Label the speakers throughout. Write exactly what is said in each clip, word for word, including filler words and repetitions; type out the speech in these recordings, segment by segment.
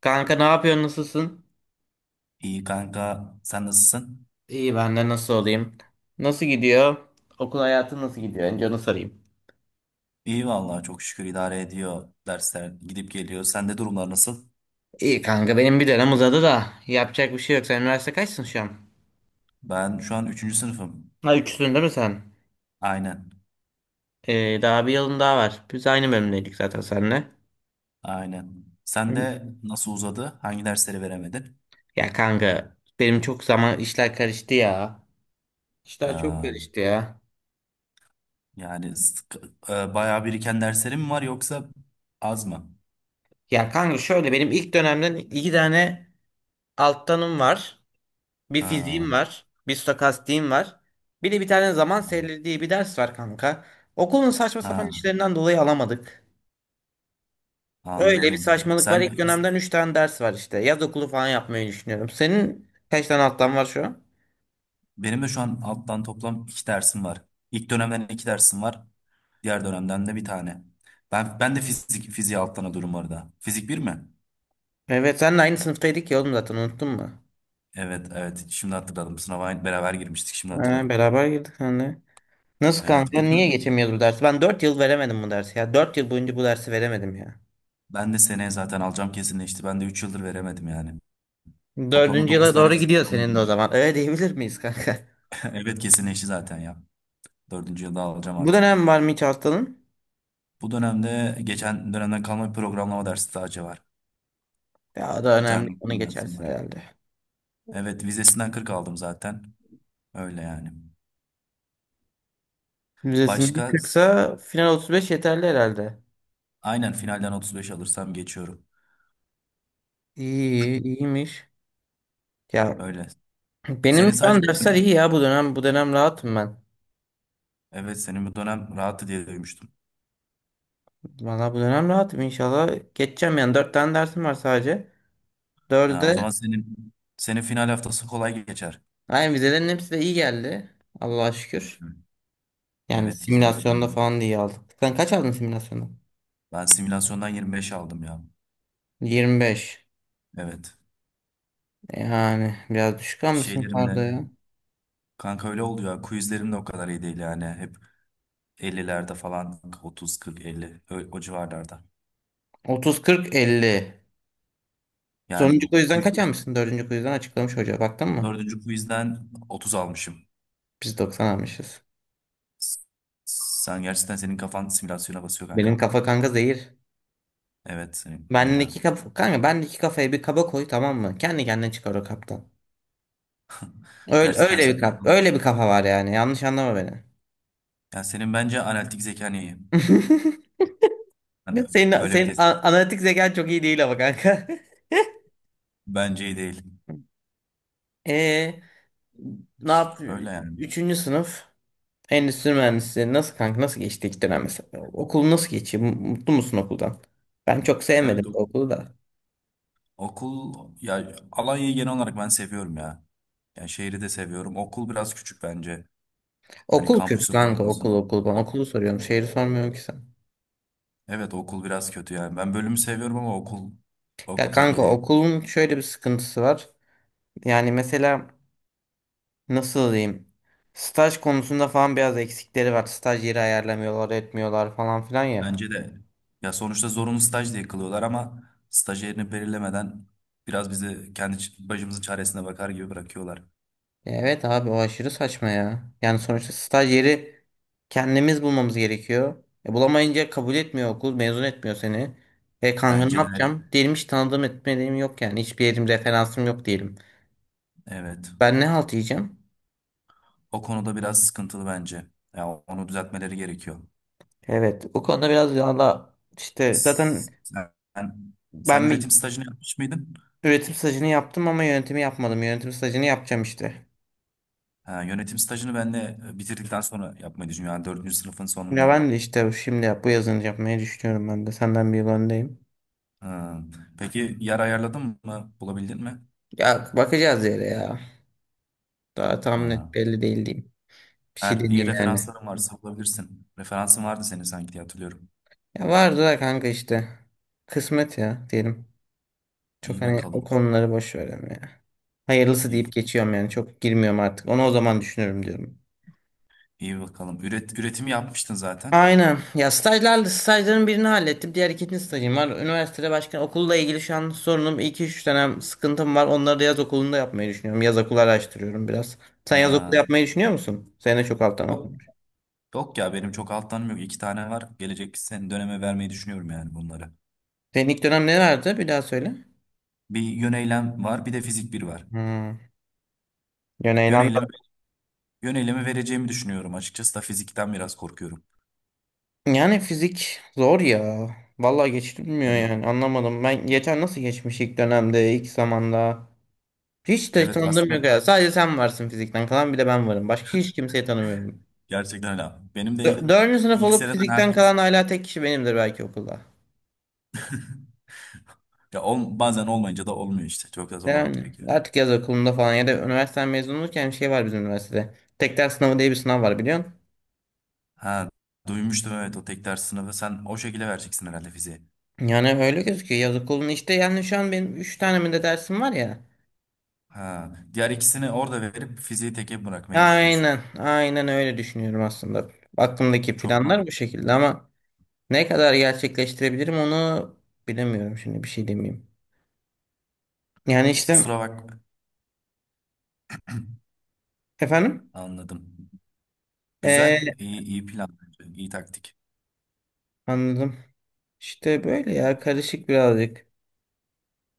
Speaker 1: Kanka ne yapıyorsun? Nasılsın?
Speaker 2: İyi kanka, sen nasılsın?
Speaker 1: İyi ben de nasıl olayım? Nasıl gidiyor? Okul hayatı nasıl gidiyor? Önce onu sorayım.
Speaker 2: İyi vallahi çok şükür idare ediyor dersler gidip geliyor. Sende durumlar nasıl?
Speaker 1: İyi kanka benim bir dönem uzadı da yapacak bir şey yok. Sen üniversite kaçsın şu an?
Speaker 2: Ben şu an üçüncü sınıfım.
Speaker 1: Ha üçsün değil mi sen?
Speaker 2: Aynen,
Speaker 1: Ee, daha bir yılın daha var. Biz aynı bölümdeydik zaten seninle.
Speaker 2: aynen.
Speaker 1: Hı.
Speaker 2: Sen de nasıl uzadı? Hangi dersleri veremedin?
Speaker 1: Ya kanka benim çok zaman işler karıştı ya. İşler çok
Speaker 2: Ee,
Speaker 1: karıştı ya.
Speaker 2: yani sık- e, bayağı biriken derslerin mi var yoksa az mı?
Speaker 1: Ya kanka şöyle benim ilk dönemden iki tane alttanım var. Bir
Speaker 2: Ha,
Speaker 1: fiziğim var. Bir stokastiğim var. Bir de bir tane zaman serileri diye bir ders var kanka. Okulun saçma sapan
Speaker 2: ha,
Speaker 1: işlerinden dolayı alamadık. Öyle bir
Speaker 2: anladım.
Speaker 1: saçmalık var. İlk
Speaker 2: Sen
Speaker 1: dönemden üç tane ders var işte. Yaz okulu falan yapmayı düşünüyorum. Senin kaç tane alttan var şu an?
Speaker 2: Benim de şu an alttan toplam iki dersim var. İlk dönemden iki dersim var. Diğer dönemden de bir tane. Ben ben de fizik fiziği alttan alıyorum orada. Fizik bir mi?
Speaker 1: Evet senle aynı sınıftaydık ya oğlum zaten unuttun mu?
Speaker 2: Evet, evet şimdi hatırladım. Sınava aynı- beraber girmiştik şimdi
Speaker 1: Ee,
Speaker 2: hatırladım.
Speaker 1: beraber girdik hani. Nasıl
Speaker 2: Evet
Speaker 1: kanka?
Speaker 2: bir
Speaker 1: Niye
Speaker 2: tür
Speaker 1: geçemiyoruz bu dersi? Ben dört yıl veremedim bu dersi ya. Dört yıl boyunca bu dersi veremedim ya.
Speaker 2: ben de seneye zaten alacağım kesinleşti. Ben de üç yıldır veremedim yani. Toplamda
Speaker 1: Dördüncü
Speaker 2: dokuz
Speaker 1: yıla
Speaker 2: tane
Speaker 1: doğru
Speaker 2: fizik
Speaker 1: gidiyor
Speaker 2: sınavına
Speaker 1: senin de o
Speaker 2: girmiştim.
Speaker 1: zaman. Öyle diyebilir miyiz kanka?
Speaker 2: Evet kesinleşti zaten ya. Dördüncü yılda alacağım
Speaker 1: Bu
Speaker 2: artık.
Speaker 1: dönem var mı hiç hastalığın?
Speaker 2: Bu dönemde geçen dönemden kalma bir programlama dersi daha var.
Speaker 1: Ya o da
Speaker 2: Bir
Speaker 1: önemli.
Speaker 2: tane
Speaker 1: Onu
Speaker 2: okuma dersim
Speaker 1: geçersin
Speaker 2: var.
Speaker 1: herhalde.
Speaker 2: Evet vizesinden kırk aldım zaten. Öyle yani.
Speaker 1: Vizesinde
Speaker 2: Başka
Speaker 1: kırksa final otuz beş yeterli herhalde.
Speaker 2: aynen finalden otuz beş alırsam geçiyorum.
Speaker 1: İyi, iyiymiş. Ya
Speaker 2: Öyle.
Speaker 1: benim
Speaker 2: Senin
Speaker 1: şu
Speaker 2: sadece
Speaker 1: an dersler iyi ya bu dönem. Bu dönem rahatım ben.
Speaker 2: Evet, senin bu dönem rahattı diye duymuştum.
Speaker 1: Valla bu dönem rahatım inşallah. Geçeceğim yani. Dört tane dersim var sadece. dördü
Speaker 2: Ha, o
Speaker 1: de
Speaker 2: zaman senin senin final haftası kolay geçer.
Speaker 1: aynen vizelerin hepsi de iyi geldi. Allah'a şükür.
Speaker 2: Hı.
Speaker 1: Yani
Speaker 2: Evet vizeler
Speaker 1: simülasyonda
Speaker 2: iyiydi.
Speaker 1: falan da iyi aldık. Sen kaç aldın simülasyonda?
Speaker 2: Ben simülasyondan yirmi beş aldım ya.
Speaker 1: yirmi beş.
Speaker 2: Evet.
Speaker 1: Yani biraz düşük almışsın
Speaker 2: Şeylerimde
Speaker 1: karda ya.
Speaker 2: kanka öyle oluyor. Quizlerim de o kadar iyi değil yani. Hep ellilerde falan otuz kırk elli ö- o civarlarda.
Speaker 1: otuz, kırk, elli.
Speaker 2: Yani
Speaker 1: Sonuncu quizden kaç
Speaker 2: quizden,
Speaker 1: almışsın? Dördüncü quizden açıklamış hoca. Baktın mı?
Speaker 2: dördüncü quizden otuz almışım.
Speaker 1: Biz doksan almışız.
Speaker 2: Sen gerçekten senin kafan simülasyona basıyor
Speaker 1: Benim
Speaker 2: kanka.
Speaker 1: kafa kanka zehir.
Speaker 2: Evet senin kanka.
Speaker 1: Bendeki kafa kanka bendeki kafaya bir kaba koy tamam mı? Kendi kendine çıkar o kaptan. Öyle
Speaker 2: Gerçekten
Speaker 1: öyle bir
Speaker 2: senin
Speaker 1: kap
Speaker 2: kafan.
Speaker 1: öyle bir kafa var yani. Yanlış anlama beni.
Speaker 2: Yani senin bence analitik zekan iyi. Yani
Speaker 1: Ya Senin
Speaker 2: öyle bir
Speaker 1: senin
Speaker 2: test.
Speaker 1: a- analitik zekan çok iyi değil ama kanka.
Speaker 2: Bence iyi değil.
Speaker 1: Ee, ne yap?
Speaker 2: Öyle yani.
Speaker 1: Üçüncü sınıf endüstri mühendisliği nasıl kanka nasıl geçti ilk dönem mesela? Okul nasıl geçiyor? Mutlu musun okuldan? Ben çok sevmedim
Speaker 2: Evet
Speaker 1: bu
Speaker 2: o-
Speaker 1: okulu da.
Speaker 2: okul ya Alanya'yı genel olarak ben seviyorum ya. Yani şehri de seviyorum. Okul biraz küçük bence. Hani
Speaker 1: Okul kötü
Speaker 2: kampüsü falan
Speaker 1: kanka okul
Speaker 2: olsun.
Speaker 1: okul. Ben
Speaker 2: O,
Speaker 1: okulu soruyorum. Şehri sormuyorum ki sen.
Speaker 2: evet, okul biraz kötü yani. Ben bölümü seviyorum ama okul
Speaker 1: Ya
Speaker 2: okul pek iyi
Speaker 1: kanka
Speaker 2: değil.
Speaker 1: okulun şöyle bir sıkıntısı var. Yani mesela nasıl diyeyim? Staj konusunda falan biraz eksikleri var. Staj yeri ayarlamıyorlar, etmiyorlar falan filan ya.
Speaker 2: Bence de. Ya sonuçta zorunlu staj diye kılıyorlar ama staj yerini belirlemeden biraz bizi kendi ç- başımızın çaresine bakar gibi bırakıyorlar.
Speaker 1: Evet abi o aşırı saçma ya. Yani sonuçta staj yeri kendimiz bulmamız gerekiyor. E, bulamayınca kabul etmiyor okul, mezun etmiyor seni. E kanka ne
Speaker 2: Bence de
Speaker 1: yapacağım? Diyelim hiç tanıdığım etmediğim yok yani. Hiçbir yerim referansım yok diyelim.
Speaker 2: evet.
Speaker 1: Ben ne halt yiyeceğim?
Speaker 2: O konuda biraz sıkıntılı bence. Ya onu düzeltmeleri gerekiyor.
Speaker 1: Evet, o konuda biraz valla işte zaten
Speaker 2: Sen, sen
Speaker 1: ben
Speaker 2: üretim
Speaker 1: bir
Speaker 2: stajını yapmış mıydın?
Speaker 1: üretim stajını yaptım ama yönetimi yapmadım. Yönetim stajını yapacağım işte.
Speaker 2: Ha, yönetim stajını ben de bitirdikten sonra yapmayı düşünüyorum. Yani dördüncü sınıfın
Speaker 1: Ya
Speaker 2: sonunda.
Speaker 1: ben de işte şimdi yap, bu yazın yapmayı düşünüyorum ben de. Senden bir yıl öndeyim.
Speaker 2: Ha, peki yer ayarladın mı? Bulabildin mi?
Speaker 1: Ya bakacağız yere ya. Daha tam net
Speaker 2: Ha,
Speaker 1: belli değil diyeyim. Bir şey
Speaker 2: eğer iyi
Speaker 1: deneyeyim yani.
Speaker 2: referansların varsa bulabilirsin. Referansın vardı senin sanki diye hatırlıyorum.
Speaker 1: Ya vardı da kanka işte. Kısmet ya diyelim. Çok
Speaker 2: İyi
Speaker 1: hani o
Speaker 2: bakalım.
Speaker 1: konuları boş verelim ya. Hayırlısı
Speaker 2: İyi,
Speaker 1: deyip geçiyorum yani. Çok girmiyorum artık. Onu o zaman düşünürüm diyorum.
Speaker 2: iyi bakalım. Üret, üretimi yapmıştın zaten.
Speaker 1: Aynen. Ya stajlar, stajların birini hallettim. Diğer ikinci stajım var. Üniversitede başka okulla ilgili şu an sorunum. İki üç dönem sıkıntım var. Onları da yaz okulunda yapmayı düşünüyorum. Yaz okulu araştırıyorum biraz. Sen yaz okulu
Speaker 2: Ha.
Speaker 1: yapmayı düşünüyor musun? Senin de çok alttan
Speaker 2: Yok.
Speaker 1: okumuş.
Speaker 2: Yok ya benim çok alttanım yok. İki tane var. Gelecek sen döneme vermeyi düşünüyorum yani bunları.
Speaker 1: Senin ilk dönem nelerdi? Bir daha söyle.
Speaker 2: Bir yön eylem var, bir de fizik bir var.
Speaker 1: Hmm. Yani
Speaker 2: Yön
Speaker 1: eylem-
Speaker 2: eylemi, Yön eylemi vereceğimi düşünüyorum. Açıkçası da fizikten biraz korkuyorum.
Speaker 1: Yani fizik zor ya. Vallahi geçilmiyor
Speaker 2: Evet,
Speaker 1: yani. Anlamadım. Ben geçen nasıl geçmiş ilk dönemde, ilk zamanda. Hiç de
Speaker 2: evet
Speaker 1: tanıdığım
Speaker 2: aslında
Speaker 1: yok ya. Sadece sen varsın fizikten kalan bir de ben varım. Başka hiç kimseyi tanımıyorum.
Speaker 2: gerçekten öyle. Benim de ilk
Speaker 1: Dö- Dördüncü sınıf
Speaker 2: ilk
Speaker 1: olup
Speaker 2: seneden
Speaker 1: fizikten
Speaker 2: herkes
Speaker 1: kalan hala tek kişi benimdir belki okulda.
Speaker 2: ya ol- bazen olmayınca da olmuyor işte. Çok da zorlamak
Speaker 1: Yani
Speaker 2: gerekiyor.
Speaker 1: artık yaz okulunda falan ya da üniversiteden mezun olurken bir şey var bizim üniversitede. Tek ders sınavı diye bir sınav var biliyorsun.
Speaker 2: Ha, duymuştum evet o tek ders sınavı. Sen o şekilde vereceksin herhalde fiziği.
Speaker 1: Yani öyle gözüküyor yaz okulun işte yani şu an benim üç tane mi de dersim var ya.
Speaker 2: Ha, diğer ikisini orada verip fiziği teke bırakmayı mı düşünüyorsun.
Speaker 1: Aynen aynen öyle düşünüyorum aslında. Aklımdaki
Speaker 2: Çok mu?
Speaker 1: planlar bu şekilde ama ne kadar gerçekleştirebilirim onu bilemiyorum şimdi bir şey demeyeyim. Yani işte
Speaker 2: Kusura bak.
Speaker 1: efendim.
Speaker 2: Anladım.
Speaker 1: Ee,
Speaker 2: Güzel, iyi, iyi plan bence. İyi taktik.
Speaker 1: anladım. İşte böyle ya karışık birazcık.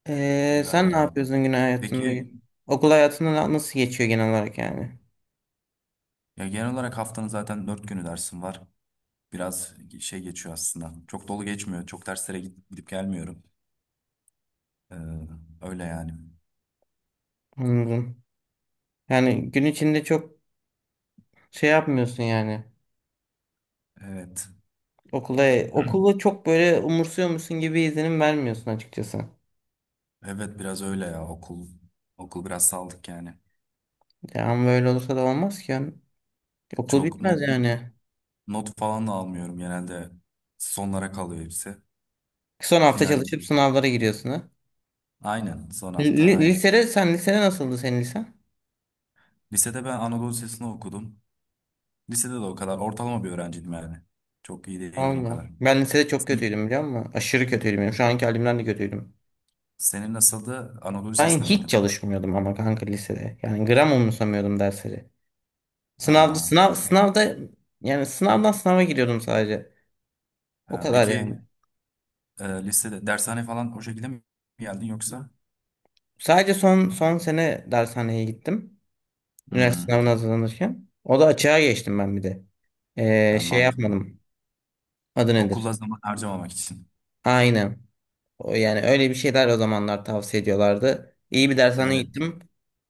Speaker 1: Ee,
Speaker 2: Güzel
Speaker 1: sen ne
Speaker 2: ya.
Speaker 1: yapıyorsun gün hayatında?
Speaker 2: Peki,
Speaker 1: Okul hayatında na- nasıl geçiyor genel olarak yani?
Speaker 2: ya genel olarak haftanın zaten dört günü dersin var. Biraz şey geçiyor aslında. Çok dolu geçmiyor. Çok derslere gidip, gidip gelmiyorum. Ee, öyle yani.
Speaker 1: Anladım. Yani gün içinde çok şey yapmıyorsun yani.
Speaker 2: Evet.
Speaker 1: Okula, okulu çok böyle umursuyor musun gibi izlenim vermiyorsun açıkçası.
Speaker 2: Evet biraz öyle ya okul. Okul biraz saldık yani.
Speaker 1: Ya ama böyle olursa da olmaz ki. Yani. Okul
Speaker 2: Çok not,
Speaker 1: bitmez yani.
Speaker 2: not falan da almıyorum genelde. Sonlara kalıyor hepsi.
Speaker 1: Son hafta
Speaker 2: Final.
Speaker 1: çalışıp sınavlara giriyorsun ha.
Speaker 2: Aynen son
Speaker 1: Li-
Speaker 2: hafta
Speaker 1: li-
Speaker 2: hallettim.
Speaker 1: lisede sen lisede nasıldı senin lisen?
Speaker 2: Lisede ben Anadolu Lisesi'ni okudum. Lisede de o kadar ortalama bir öğrenciydim yani. Çok iyi değildim o
Speaker 1: Allah.
Speaker 2: kadar.
Speaker 1: Ben lisede çok
Speaker 2: Senin,
Speaker 1: kötüydüm biliyor musun? Aşırı kötüydüm. Yani şu anki halimden de kötüydüm.
Speaker 2: senin nasıldı? Anadolu
Speaker 1: Ben
Speaker 2: Lisesi'nde
Speaker 1: hiç
Speaker 2: miydin?
Speaker 1: çalışmıyordum ama kanka lisede. Yani gram umursamıyordum dersleri. Sınavda
Speaker 2: Ha,
Speaker 1: sınav sınavda yani sınavdan sınava giriyordum sadece. O
Speaker 2: ha,
Speaker 1: kadar yani.
Speaker 2: peki e, lisede dershane falan o şekilde mi geldin yoksa?
Speaker 1: Sadece son son sene dershaneye gittim. Üniversite sınavına
Speaker 2: Hmm,
Speaker 1: hazırlanırken. O da açığa geçtim ben bir de. Ee,
Speaker 2: ha,
Speaker 1: şey
Speaker 2: mantıklı.
Speaker 1: yapmadım. Adı nedir?
Speaker 2: Okula zaman harcamamak için.
Speaker 1: Aynen. O yani öyle bir şeyler o zamanlar tavsiye ediyorlardı. İyi bir dershane
Speaker 2: Evet.
Speaker 1: gittim.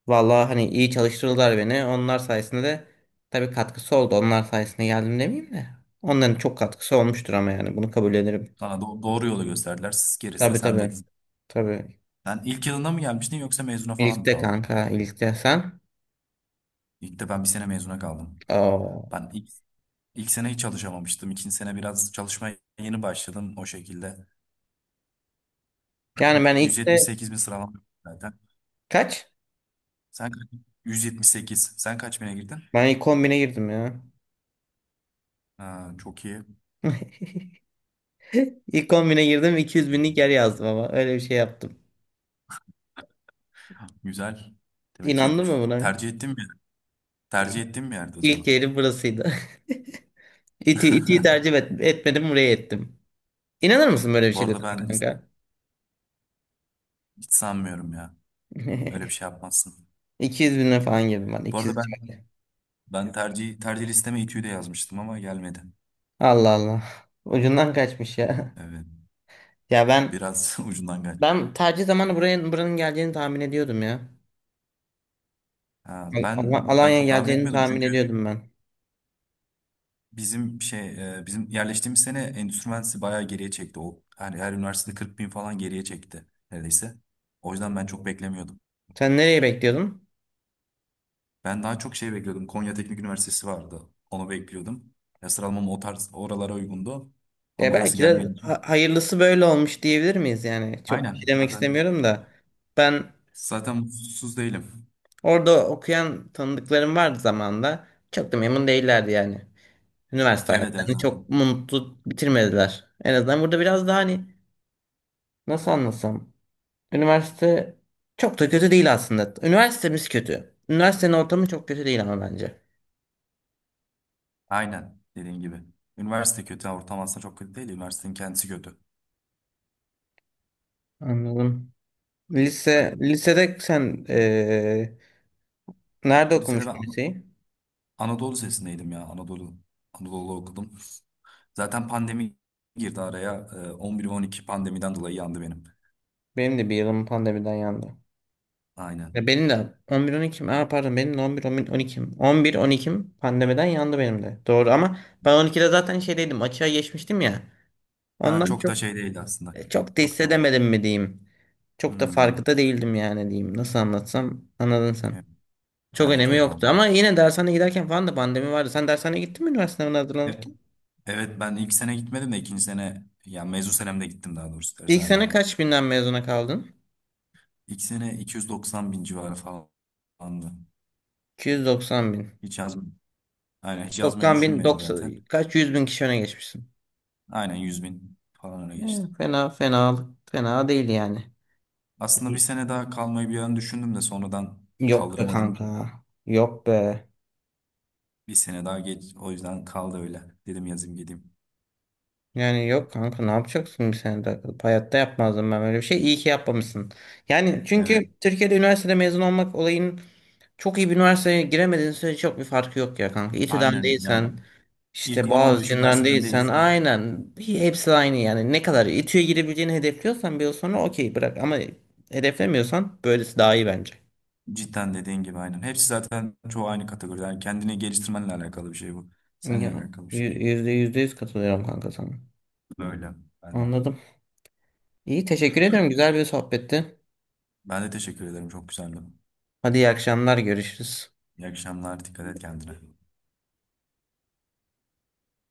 Speaker 1: Vallahi hani iyi çalıştırdılar beni. Onlar sayesinde de tabii katkısı oldu. Onlar sayesinde geldim demeyeyim de. Onların çok katkısı olmuştur ama yani bunu kabul ederim.
Speaker 2: Sana do- doğru yolu gösterdiler. Siz gerisi de
Speaker 1: Tabii tabii.
Speaker 2: sendeydin.
Speaker 1: Tabii.
Speaker 2: Sen ilk yılında mı gelmiştin yoksa mezuna falan mı
Speaker 1: İlkte
Speaker 2: kaldın?
Speaker 1: kanka, ilkte sen.
Speaker 2: İlk de ben bir sene mezuna kaldım.
Speaker 1: Oo.
Speaker 2: Ben ilk İlk sene hiç çalışamamıştım. İkinci sene biraz çalışmaya yeni başladım o şekilde.
Speaker 1: Yani ben ilkte
Speaker 2: yüz yetmiş sekiz bin sıralama zaten.
Speaker 1: kaç?
Speaker 2: Sen kaç? yüz yetmiş sekiz. Sen kaç bine girdin?
Speaker 1: Ben ilk kombine girdim ya.
Speaker 2: Ha, çok iyi.
Speaker 1: İlk kombine girdim iki yüz binlik yer yazdım ama öyle bir şey yaptım.
Speaker 2: Güzel. Demek ki
Speaker 1: İnandın mı buna?
Speaker 2: tercih ettiğim bir, tercih ettiğim bir yerde o
Speaker 1: İlk
Speaker 2: zaman.
Speaker 1: yerim burasıydı. İti, itiyi tercih et, etmedim buraya ettim. İnanır mısın böyle bir
Speaker 2: Bu
Speaker 1: şey dedim
Speaker 2: arada ben is-
Speaker 1: kanka?
Speaker 2: hiç sanmıyorum ya. Öyle bir şey yapmazsın.
Speaker 1: iki yüz bine falan girdim ben
Speaker 2: Bu arada
Speaker 1: iki yüz
Speaker 2: ben
Speaker 1: civarı.
Speaker 2: ben tercih tercih listeme İTÜ'yü de yazmıştım ama gelmedi.
Speaker 1: Allah Allah. Ucundan kaçmış ya.
Speaker 2: Evet.
Speaker 1: Ya ben
Speaker 2: Biraz ucundan geldi.
Speaker 1: ben tercih zamanı buraya buranın geleceğini tahmin ediyordum ya.
Speaker 2: Ha,
Speaker 1: Al-
Speaker 2: ben
Speaker 1: Al-
Speaker 2: ben
Speaker 1: Alanya'ya
Speaker 2: çok tahmin
Speaker 1: geleceğini
Speaker 2: etmiyordum
Speaker 1: tahmin
Speaker 2: çünkü
Speaker 1: ediyordum ben.
Speaker 2: Bizim şey e, bizim yerleştiğimiz sene endüstri mühendisliği bayağı geriye çekti. O her, her üniversitede kırk bin falan geriye çekti neredeyse. O yüzden ben çok beklemiyordum.
Speaker 1: Sen nereye bekliyordun?
Speaker 2: Ben daha çok şey bekliyordum. Konya Teknik Üniversitesi vardı. Onu bekliyordum. Ya sıralamam o tarz oralara uygundu.
Speaker 1: Ya
Speaker 2: Ama orası
Speaker 1: belki de
Speaker 2: gelmeyince.
Speaker 1: ha- hayırlısı böyle olmuş diyebilir miyiz yani? Çok bir şey
Speaker 2: Aynen
Speaker 1: demek
Speaker 2: zaten
Speaker 1: istemiyorum da. Ben
Speaker 2: zaten mutsuz değilim.
Speaker 1: orada okuyan tanıdıklarım vardı zamanında. Çok da memnun değillerdi yani. Üniversite
Speaker 2: Evet, evet
Speaker 1: hayatlarını çok
Speaker 2: zaten.
Speaker 1: mutlu bitirmediler. En azından burada biraz daha hani nasıl anlatsam. Üniversite çok da kötü değil aslında. Üniversitemiz kötü. Üniversitenin ortamı çok kötü değil ama bence.
Speaker 2: Aynen dediğin gibi. Üniversite kötü ortam aslında çok kötü değil. Üniversitenin kendisi kötü.
Speaker 1: Anladım. Lise, lisede sen eee, nerede
Speaker 2: Lisede ben
Speaker 1: okumuştun
Speaker 2: An-
Speaker 1: liseyi?
Speaker 2: Anadolu Lisesi'ndeydim ya. Anadolu Anadolu okudum. Zaten pandemi girdi araya. Ee, on bir on iki pandemiden dolayı yandı benim.
Speaker 1: Benim de bir yılım pandemiden yandı. Ya
Speaker 2: Aynen.
Speaker 1: benim de on bir on ikim. Aa, pardon benim de on bir on ikim. on bir on ikim pandemiden yandı benim de. Doğru ama ben on ikide zaten şeydeydim açığa geçmiştim ya.
Speaker 2: Ha,
Speaker 1: Ondan
Speaker 2: çok
Speaker 1: çok
Speaker 2: da şey değildi aslında.
Speaker 1: E, Çok da
Speaker 2: Çok da.
Speaker 1: hissedemedim mi diyeyim. Çok da
Speaker 2: Hmm.
Speaker 1: farkında değildim yani diyeyim. Nasıl anlatsam anladın sen.
Speaker 2: Evet,
Speaker 1: Çok
Speaker 2: evet,
Speaker 1: önemi
Speaker 2: evet,
Speaker 1: yoktu ama
Speaker 2: anladım.
Speaker 1: yine dershaneye giderken falan da pandemi vardı. Sen dershaneye gittin mi üniversite sınavına
Speaker 2: E-
Speaker 1: hazırlanırken?
Speaker 2: Evet ben ilk sene gitmedim de ikinci sene yani mezun senemde gittim daha doğrusu
Speaker 1: İlk
Speaker 2: dershaneye.
Speaker 1: sene kaç binden mezuna kaldın?
Speaker 2: İlk sene iki yüz doksan bin civarı falandı.
Speaker 1: iki yüz doksan bin.
Speaker 2: Hiç yazmadım. Aynen hiç yazmayı
Speaker 1: doksan bin,
Speaker 2: düşünmedim zaten.
Speaker 1: doksan, kaç yüz bin kişi öne geçmişsin.
Speaker 2: Aynen yüz bin falan öyle
Speaker 1: E,
Speaker 2: geçtim.
Speaker 1: fena fena fena değil yani.
Speaker 2: Aslında bir sene daha kalmayı bir an düşündüm de sonradan
Speaker 1: Yok be
Speaker 2: kaldıramadım.
Speaker 1: kanka. Yok be.
Speaker 2: Bir sene daha geç o yüzden kaldı öyle. Dedim yazayım gideyim.
Speaker 1: Yani yok kanka ne yapacaksın bir sene takılıp hayatta yapmazdım ben böyle bir şey. İyi ki yapmamışsın. Yani çünkü
Speaker 2: Evet,
Speaker 1: Türkiye'de üniversitede mezun olmak olayın çok iyi bir üniversiteye giremediğin sürece çok bir farkı yok ya kanka. İTÜ'den
Speaker 2: aynen yani
Speaker 1: değilsen işte
Speaker 2: ilk on on beş
Speaker 1: Boğaziçi'nden İTÜ'den
Speaker 2: üniversiteden
Speaker 1: değilsen
Speaker 2: değilsin.
Speaker 1: aynen hepsi aynı yani. Ne kadar İTÜ'ye girebileceğini hedefliyorsan bir yıl sonra okey bırak ama hedeflemiyorsan böylesi daha iyi bence.
Speaker 2: Cidden dediğin gibi aynen. Hepsi zaten çoğu aynı kategoride. Yani kendini geliştirmenle alakalı bir şey bu.
Speaker 1: Ya,
Speaker 2: Seninle alakalı bir şey.
Speaker 1: yü- yüzde yüzde yüz katılıyorum kanka sana.
Speaker 2: Böyle. Ben,
Speaker 1: Anladım. İyi teşekkür ediyorum. Güzel bir sohbetti.
Speaker 2: ben de teşekkür ederim. Çok güzeldi.
Speaker 1: Hadi iyi akşamlar görüşürüz.
Speaker 2: İyi akşamlar. Dikkat et kendine.